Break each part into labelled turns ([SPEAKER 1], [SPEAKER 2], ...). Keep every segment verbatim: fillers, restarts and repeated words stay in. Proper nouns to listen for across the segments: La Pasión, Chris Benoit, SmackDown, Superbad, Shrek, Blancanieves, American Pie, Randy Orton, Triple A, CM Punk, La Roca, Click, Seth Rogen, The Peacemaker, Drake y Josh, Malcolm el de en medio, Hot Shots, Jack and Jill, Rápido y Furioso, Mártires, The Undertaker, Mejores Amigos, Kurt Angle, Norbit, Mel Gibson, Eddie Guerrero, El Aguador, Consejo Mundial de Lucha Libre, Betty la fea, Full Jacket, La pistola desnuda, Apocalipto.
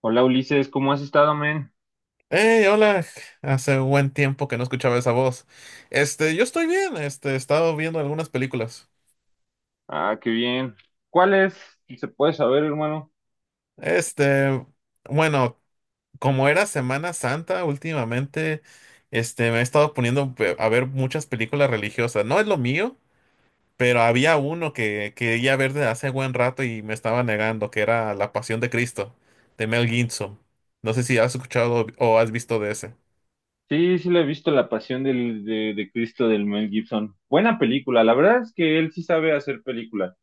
[SPEAKER 1] Hola Ulises, ¿cómo has estado, men?
[SPEAKER 2] Hey, hola. Hace un buen tiempo que no escuchaba esa voz. Este, yo estoy bien. Este, he estado viendo algunas películas.
[SPEAKER 1] Ah, qué bien. ¿Cuál es? ¿Se puede saber, hermano?
[SPEAKER 2] Este, bueno, Como era Semana Santa últimamente, este, me he estado poniendo ve- a ver muchas películas religiosas. No es lo mío, pero había uno que quería ver desde hace buen rato y me estaba negando, que era La Pasión de Cristo, de Mel Gibson. No sé si has escuchado o has visto de ese.
[SPEAKER 1] Sí, sí, le he visto La Pasión del, de, de Cristo del Mel Gibson. Buena película, la verdad es que él sí sabe hacer películas.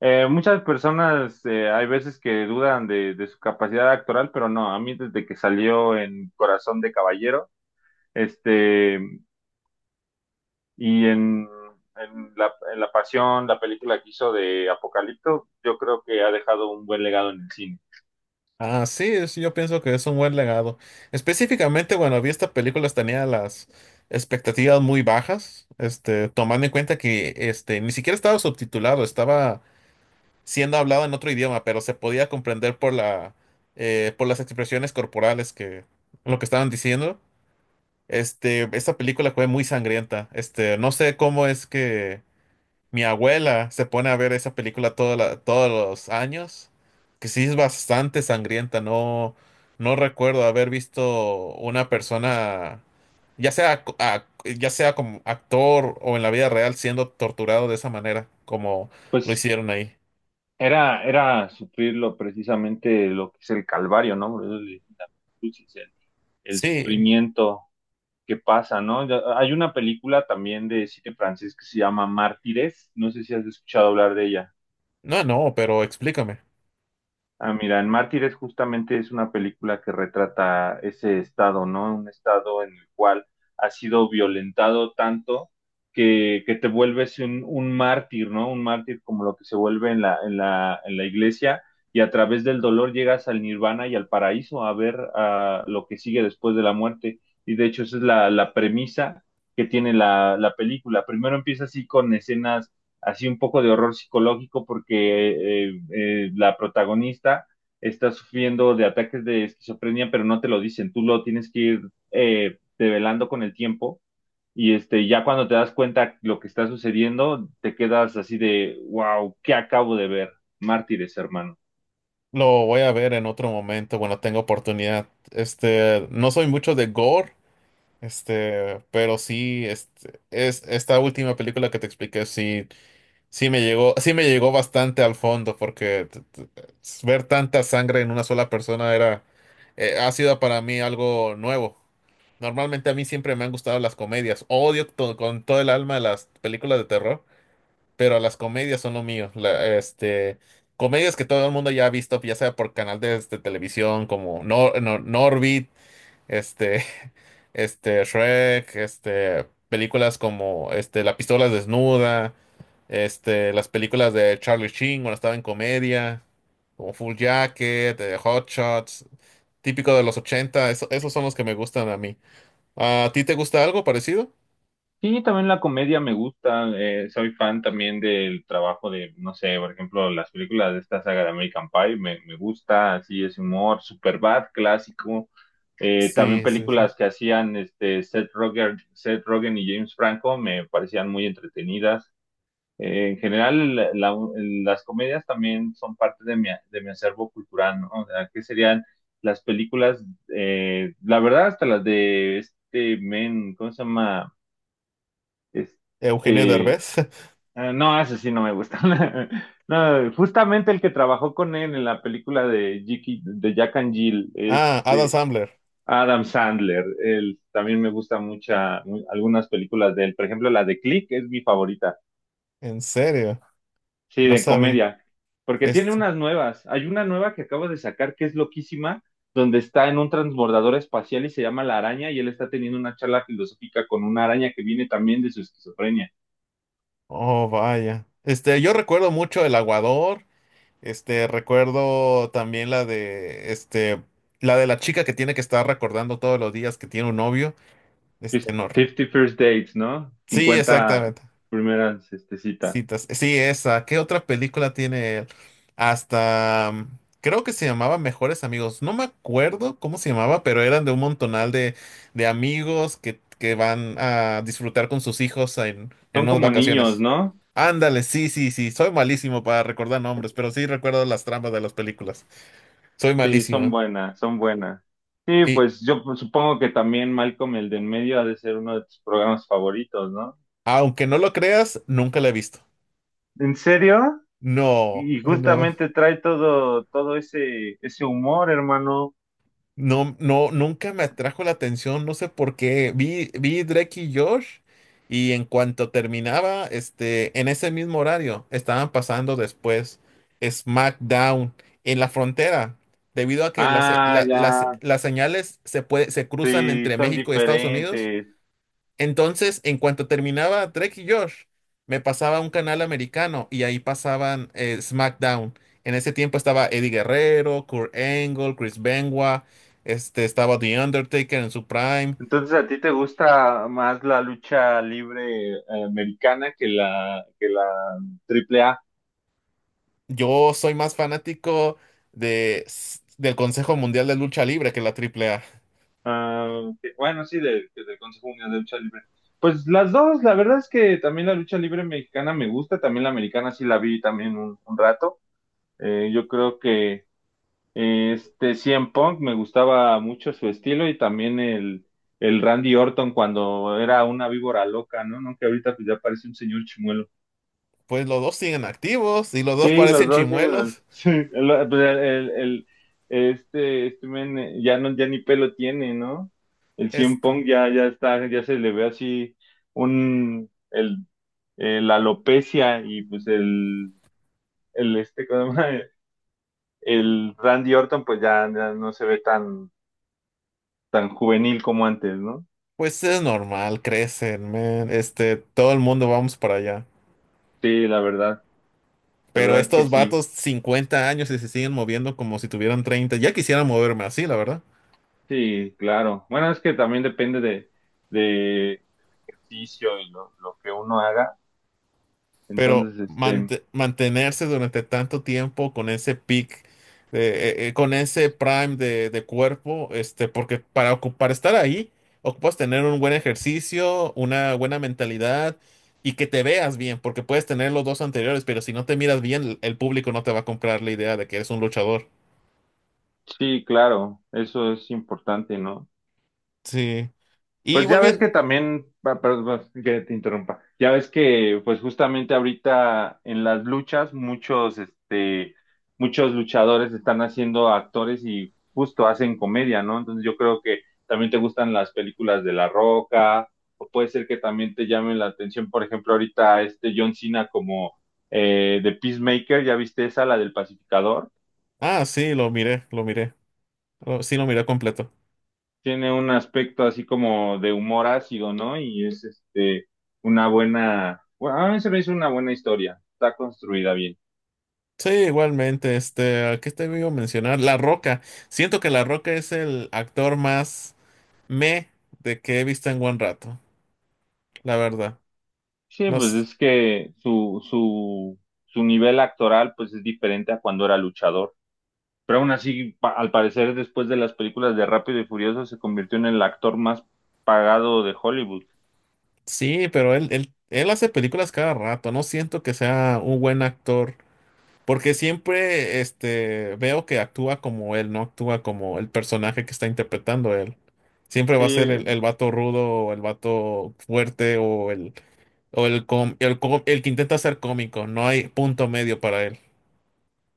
[SPEAKER 1] Eh, muchas personas eh, hay veces que dudan de, de su capacidad actoral, pero no, a mí desde que salió en Corazón de Caballero, este, y en, en la, en La Pasión, la película que hizo de Apocalipto, yo creo que ha dejado un buen legado en el cine.
[SPEAKER 2] Ah, sí, sí, yo pienso que es un buen legado. Específicamente, bueno, vi esta película, tenía las expectativas muy bajas, este, tomando en cuenta que este, ni siquiera estaba subtitulado, estaba siendo hablado en otro idioma, pero se podía comprender por la, eh, por las expresiones corporales que lo que estaban diciendo. Este, esta película fue muy sangrienta. Este, no sé cómo es que mi abuela se pone a ver esa película toda la- todos los años, que sí es bastante sangrienta. No, no recuerdo haber visto una persona, ya sea, co- a- ya sea como actor o en la vida real, siendo torturado de esa manera, como lo
[SPEAKER 1] Pues
[SPEAKER 2] hicieron ahí.
[SPEAKER 1] era, era sufrirlo precisamente lo que es el calvario, ¿no? Por eso le dicen la cruz, es el, el
[SPEAKER 2] Sí,
[SPEAKER 1] sufrimiento que pasa, ¿no? Ya, hay una película también de cine francés que se llama Mártires, no sé si has escuchado hablar de ella.
[SPEAKER 2] no, no, pero explícame.
[SPEAKER 1] Ah, mira, en Mártires justamente es una película que retrata ese estado, ¿no? Un estado en el cual has sido violentado tanto que, que te vuelves un, un mártir, ¿no? Un mártir como lo que se vuelve en la, en la, en la iglesia y a través del dolor llegas al nirvana y al paraíso a ver ah, lo que sigue después de la muerte. Y de hecho esa es la, la premisa que tiene la, la película. Primero empieza así con escenas así un poco de horror psicológico porque eh, eh, la protagonista está sufriendo de ataques de esquizofrenia, pero no te lo dicen, tú lo tienes que ir eh, develando con el tiempo y este, ya cuando te das cuenta lo que está sucediendo, te quedas así de, wow, ¿qué acabo de ver? Mártires, hermano.
[SPEAKER 2] Lo voy a ver en otro momento. Bueno, tengo oportunidad. Este, no soy mucho de gore, este, pero sí, este, es esta última película que te expliqué, sí. Sí me llegó, sí me llegó bastante al fondo porque t- t- ver tanta sangre en una sola persona era, eh, ha sido para mí algo nuevo. Normalmente a mí siempre me han gustado las comedias. Odio to- con todo el alma las películas de terror, pero las comedias son lo mío. La- este, comedias que todo el mundo ya ha visto, ya sea por canal de, este, televisión como Nor- Nor- Norbit, este, este Shrek, este películas como este La pistola desnuda, este las películas de Charlie Sheen cuando estaba en comedia, como Full Jacket, eh, Hot Shots, típico de los ochenta, eso- esos son los que me gustan a mí. ¿A ti te gusta algo parecido?
[SPEAKER 1] Sí, también la comedia me gusta. Eh, soy fan también del trabajo de, no sé, por ejemplo, las películas de esta saga de American Pie me, me gusta, así es humor, Superbad, clásico. Eh, también
[SPEAKER 2] Sí, sí, sí.
[SPEAKER 1] películas que hacían este, Seth Rogen, Seth Rogen y James Franco me parecían muy entretenidas. Eh, en general, la- la- las comedias también son parte de mi, de mi acervo cultural, ¿no? O sea, ¿qué serían las películas? Eh, la verdad, hasta las de este men, ¿cómo se llama?
[SPEAKER 2] Eugenio
[SPEAKER 1] Este,
[SPEAKER 2] Derbez.
[SPEAKER 1] eh, no, ese sí no me gusta. No, justamente el que trabajó con él en la película de, Jiki- de Jack and Jill,
[SPEAKER 2] Ah, Adam
[SPEAKER 1] este,
[SPEAKER 2] Sandler.
[SPEAKER 1] Adam Sandler, él también me gusta mucha, mu- algunas películas de él. Por ejemplo, la de Click es mi favorita.
[SPEAKER 2] En serio,
[SPEAKER 1] Sí,
[SPEAKER 2] no
[SPEAKER 1] de
[SPEAKER 2] sabía.
[SPEAKER 1] comedia. Porque tiene
[SPEAKER 2] Este,
[SPEAKER 1] unas nuevas. Hay una nueva que acabo de sacar que es loquísima, donde está en un transbordador espacial y se llama La Araña, y él está teniendo una charla filosófica con una araña que viene también de su esquizofrenia.
[SPEAKER 2] oh, vaya. Este, yo recuerdo mucho El Aguador. Este, recuerdo también la de, este, la de la chica que tiene que estar recordando todos los días que tiene un novio.
[SPEAKER 1] Fif-
[SPEAKER 2] Este, no. re-
[SPEAKER 1] fifty First Dates, ¿no?
[SPEAKER 2] Sí,
[SPEAKER 1] Cincuenta
[SPEAKER 2] exactamente.
[SPEAKER 1] primeras este, citas.
[SPEAKER 2] Citas. Sí, esa. ¿Qué otra película tiene él? Hasta, mm, creo que se llamaba Mejores Amigos. No me acuerdo cómo se llamaba, pero eran de un montonal de, de amigos que, que van a disfrutar con sus hijos en, en
[SPEAKER 1] Son
[SPEAKER 2] unas
[SPEAKER 1] como niños,
[SPEAKER 2] vacaciones.
[SPEAKER 1] ¿no?
[SPEAKER 2] Ándale, sí, sí, sí. Soy malísimo para recordar nombres, pero sí recuerdo las tramas de las películas. Soy
[SPEAKER 1] Sí, son
[SPEAKER 2] malísimo.
[SPEAKER 1] buenas, son buenas. Sí,
[SPEAKER 2] Y
[SPEAKER 1] pues yo pues, supongo que también Malcolm el de en medio ha de ser uno de tus programas favoritos, ¿no?
[SPEAKER 2] aunque no lo creas, nunca la he visto.
[SPEAKER 1] ¿En serio?
[SPEAKER 2] No,
[SPEAKER 1] Y
[SPEAKER 2] no,
[SPEAKER 1] justamente trae todo, todo ese, ese humor, hermano.
[SPEAKER 2] no, no, nunca me atrajo la atención, no sé por qué. Vi, vi Drake y Josh y en cuanto terminaba, este, en ese mismo horario, estaban pasando después SmackDown en la frontera, debido a que las, se-
[SPEAKER 1] Ah,
[SPEAKER 2] la-
[SPEAKER 1] ya,
[SPEAKER 2] las, las señales se puede, se cruzan
[SPEAKER 1] sí,
[SPEAKER 2] entre
[SPEAKER 1] son
[SPEAKER 2] México y Estados Unidos.
[SPEAKER 1] diferentes.
[SPEAKER 2] Entonces, en cuanto terminaba Drake y Josh, me pasaba a un canal americano y ahí pasaban eh, SmackDown. En ese tiempo estaba Eddie Guerrero, Kurt Angle, Chris Benoit, este, estaba The Undertaker en su prime.
[SPEAKER 1] Entonces, ¿a ti te gusta más la lucha libre eh, americana que la, que la A. A A?
[SPEAKER 2] Yo soy más fanático de, s- del Consejo Mundial de Lucha Libre que la Triple A.
[SPEAKER 1] Ah, ok. Bueno, sí, del, del Consejo Mundial de Lucha Libre. Pues las dos, la verdad es que también la lucha libre mexicana me gusta, también la americana sí la vi también un, un rato. Eh, yo creo que eh, este C M Punk me gustaba mucho su estilo y también el, el Randy Orton cuando era una víbora loca, ¿no? ¿No? Que ahorita pues ya parece un señor chimuelo.
[SPEAKER 2] Pues los dos siguen activos y los dos
[SPEAKER 1] Sí, los
[SPEAKER 2] parecen
[SPEAKER 1] dos siguen. Al-
[SPEAKER 2] chimuelos.
[SPEAKER 1] Sí, el, pues, el- el- este, este men eh, ya no, ya ni pelo tiene, ¿no? El C M
[SPEAKER 2] Este,
[SPEAKER 1] Punk ya, ya está, ya se le ve así un, el, eh, la alopecia y pues el, el este, ¿cómo se llama? El Randy Orton pues ya, ya no se ve tan, tan juvenil como antes, ¿no?
[SPEAKER 2] pues es normal, crecen, man. Este, todo el mundo vamos para allá.
[SPEAKER 1] Sí, la verdad, la
[SPEAKER 2] Pero
[SPEAKER 1] verdad que
[SPEAKER 2] estos
[SPEAKER 1] sí.
[SPEAKER 2] vatos, cincuenta años y se siguen moviendo como si tuvieran treinta. Ya quisiera moverme así, la verdad.
[SPEAKER 1] Sí, claro. Bueno, es que también depende de, de del ejercicio y lo, lo que uno haga.
[SPEAKER 2] Pero
[SPEAKER 1] Entonces, este,
[SPEAKER 2] mante- mantenerse durante tanto tiempo con ese peak, eh, eh, eh, con ese prime de, de cuerpo, este, porque para, ocu- para estar ahí, ocupas tener un buen ejercicio, una buena mentalidad y que te veas bien, porque puedes tener los dos anteriores, pero si no te miras bien, el público no te va a comprar la idea de que eres un luchador.
[SPEAKER 1] sí, claro, eso es importante, ¿no?
[SPEAKER 2] Sí. Y
[SPEAKER 1] Pues ya ves que
[SPEAKER 2] volviendo.
[SPEAKER 1] también, pa- perdón, que te interrumpa, ya ves que pues justamente ahorita en las luchas muchos, este, muchos luchadores están haciendo actores y justo hacen comedia, ¿no? Entonces yo creo que también te gustan las películas de La Roca, o puede ser que también te llamen la atención, por ejemplo, ahorita este John Cena como eh, The Peacemaker, ¿ya viste esa, la del pacificador?
[SPEAKER 2] Ah, sí, lo miré, lo miré. Lo- Sí, lo miré completo.
[SPEAKER 1] Tiene un aspecto así como de humor ácido, ¿no? Y es este una buena, bueno, a mí se me hizo una buena historia, está construida bien.
[SPEAKER 2] Sí, igualmente, este, ¿a qué te iba a mencionar? La Roca. Siento que La Roca es el actor más me de que he visto en buen rato, la verdad.
[SPEAKER 1] Sí,
[SPEAKER 2] No,
[SPEAKER 1] pues
[SPEAKER 2] s-
[SPEAKER 1] es que su, su, su nivel actoral pues es diferente a cuando era luchador. Pero aún así, pa- al parecer, después de las películas de Rápido y Furioso, se convirtió en el actor más pagado de Hollywood.
[SPEAKER 2] Sí, pero él, él, él hace películas cada rato. No siento que sea un buen actor, porque siempre, este, veo que actúa como él, no actúa como el personaje que está interpretando él. Siempre va a ser el, el
[SPEAKER 1] Sí,
[SPEAKER 2] vato rudo, o el vato fuerte, o el, o el, com- el, com- el que intenta ser cómico. No hay punto medio para él.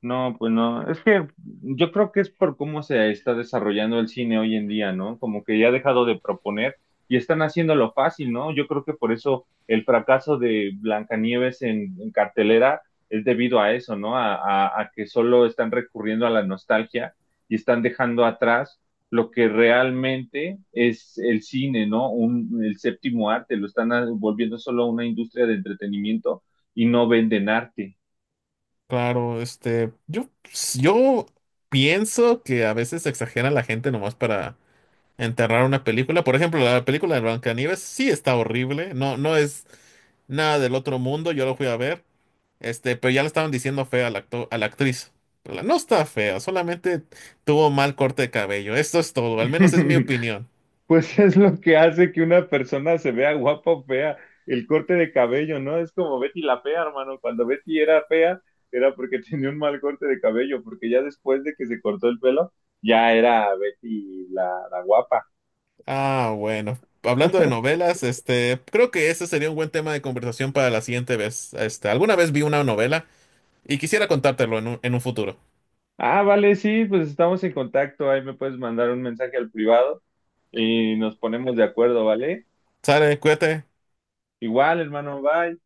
[SPEAKER 1] no, pues no. Es que yo creo que es por cómo se está desarrollando el cine hoy en día, ¿no? Como que ya ha dejado de proponer y están haciéndolo fácil, ¿no? Yo creo que por eso el fracaso de Blancanieves en, en cartelera es debido a eso, ¿no? A, a- a que solo están recurriendo a la nostalgia y están dejando atrás lo que realmente es el cine, ¿no? Un, el séptimo arte, lo están ah, volviendo solo una industria de entretenimiento y no venden arte.
[SPEAKER 2] Claro, este, yo, pues, yo pienso que a veces exagera la gente nomás para enterrar una película. Por ejemplo, la película de Blancanieves sí está horrible, no, no es nada del otro mundo, yo lo fui a ver, este, pero ya le estaban diciendo fea al acto- a la actriz. Pero la- no está fea, solamente tuvo mal corte de cabello. Esto es todo, al menos es mi opinión.
[SPEAKER 1] Pues es lo que hace que una persona se vea guapa o fea, el corte de cabello, ¿no? Es como Betty la fea, hermano. Cuando Betty era fea, era porque tenía un mal corte de cabello, porque ya después de que se cortó el pelo, ya era Betty la, la guapa.
[SPEAKER 2] Ah, bueno. Hablando de novelas, este, creo que ese sería un buen tema de conversación para la siguiente vez. Este, alguna vez vi una novela y quisiera contártelo en un, en un futuro.
[SPEAKER 1] Ah, vale, sí, pues estamos en contacto. Ahí me puedes mandar un mensaje al privado y nos ponemos de acuerdo, ¿vale?
[SPEAKER 2] Sale, cuídate.
[SPEAKER 1] Igual, hermano, bye.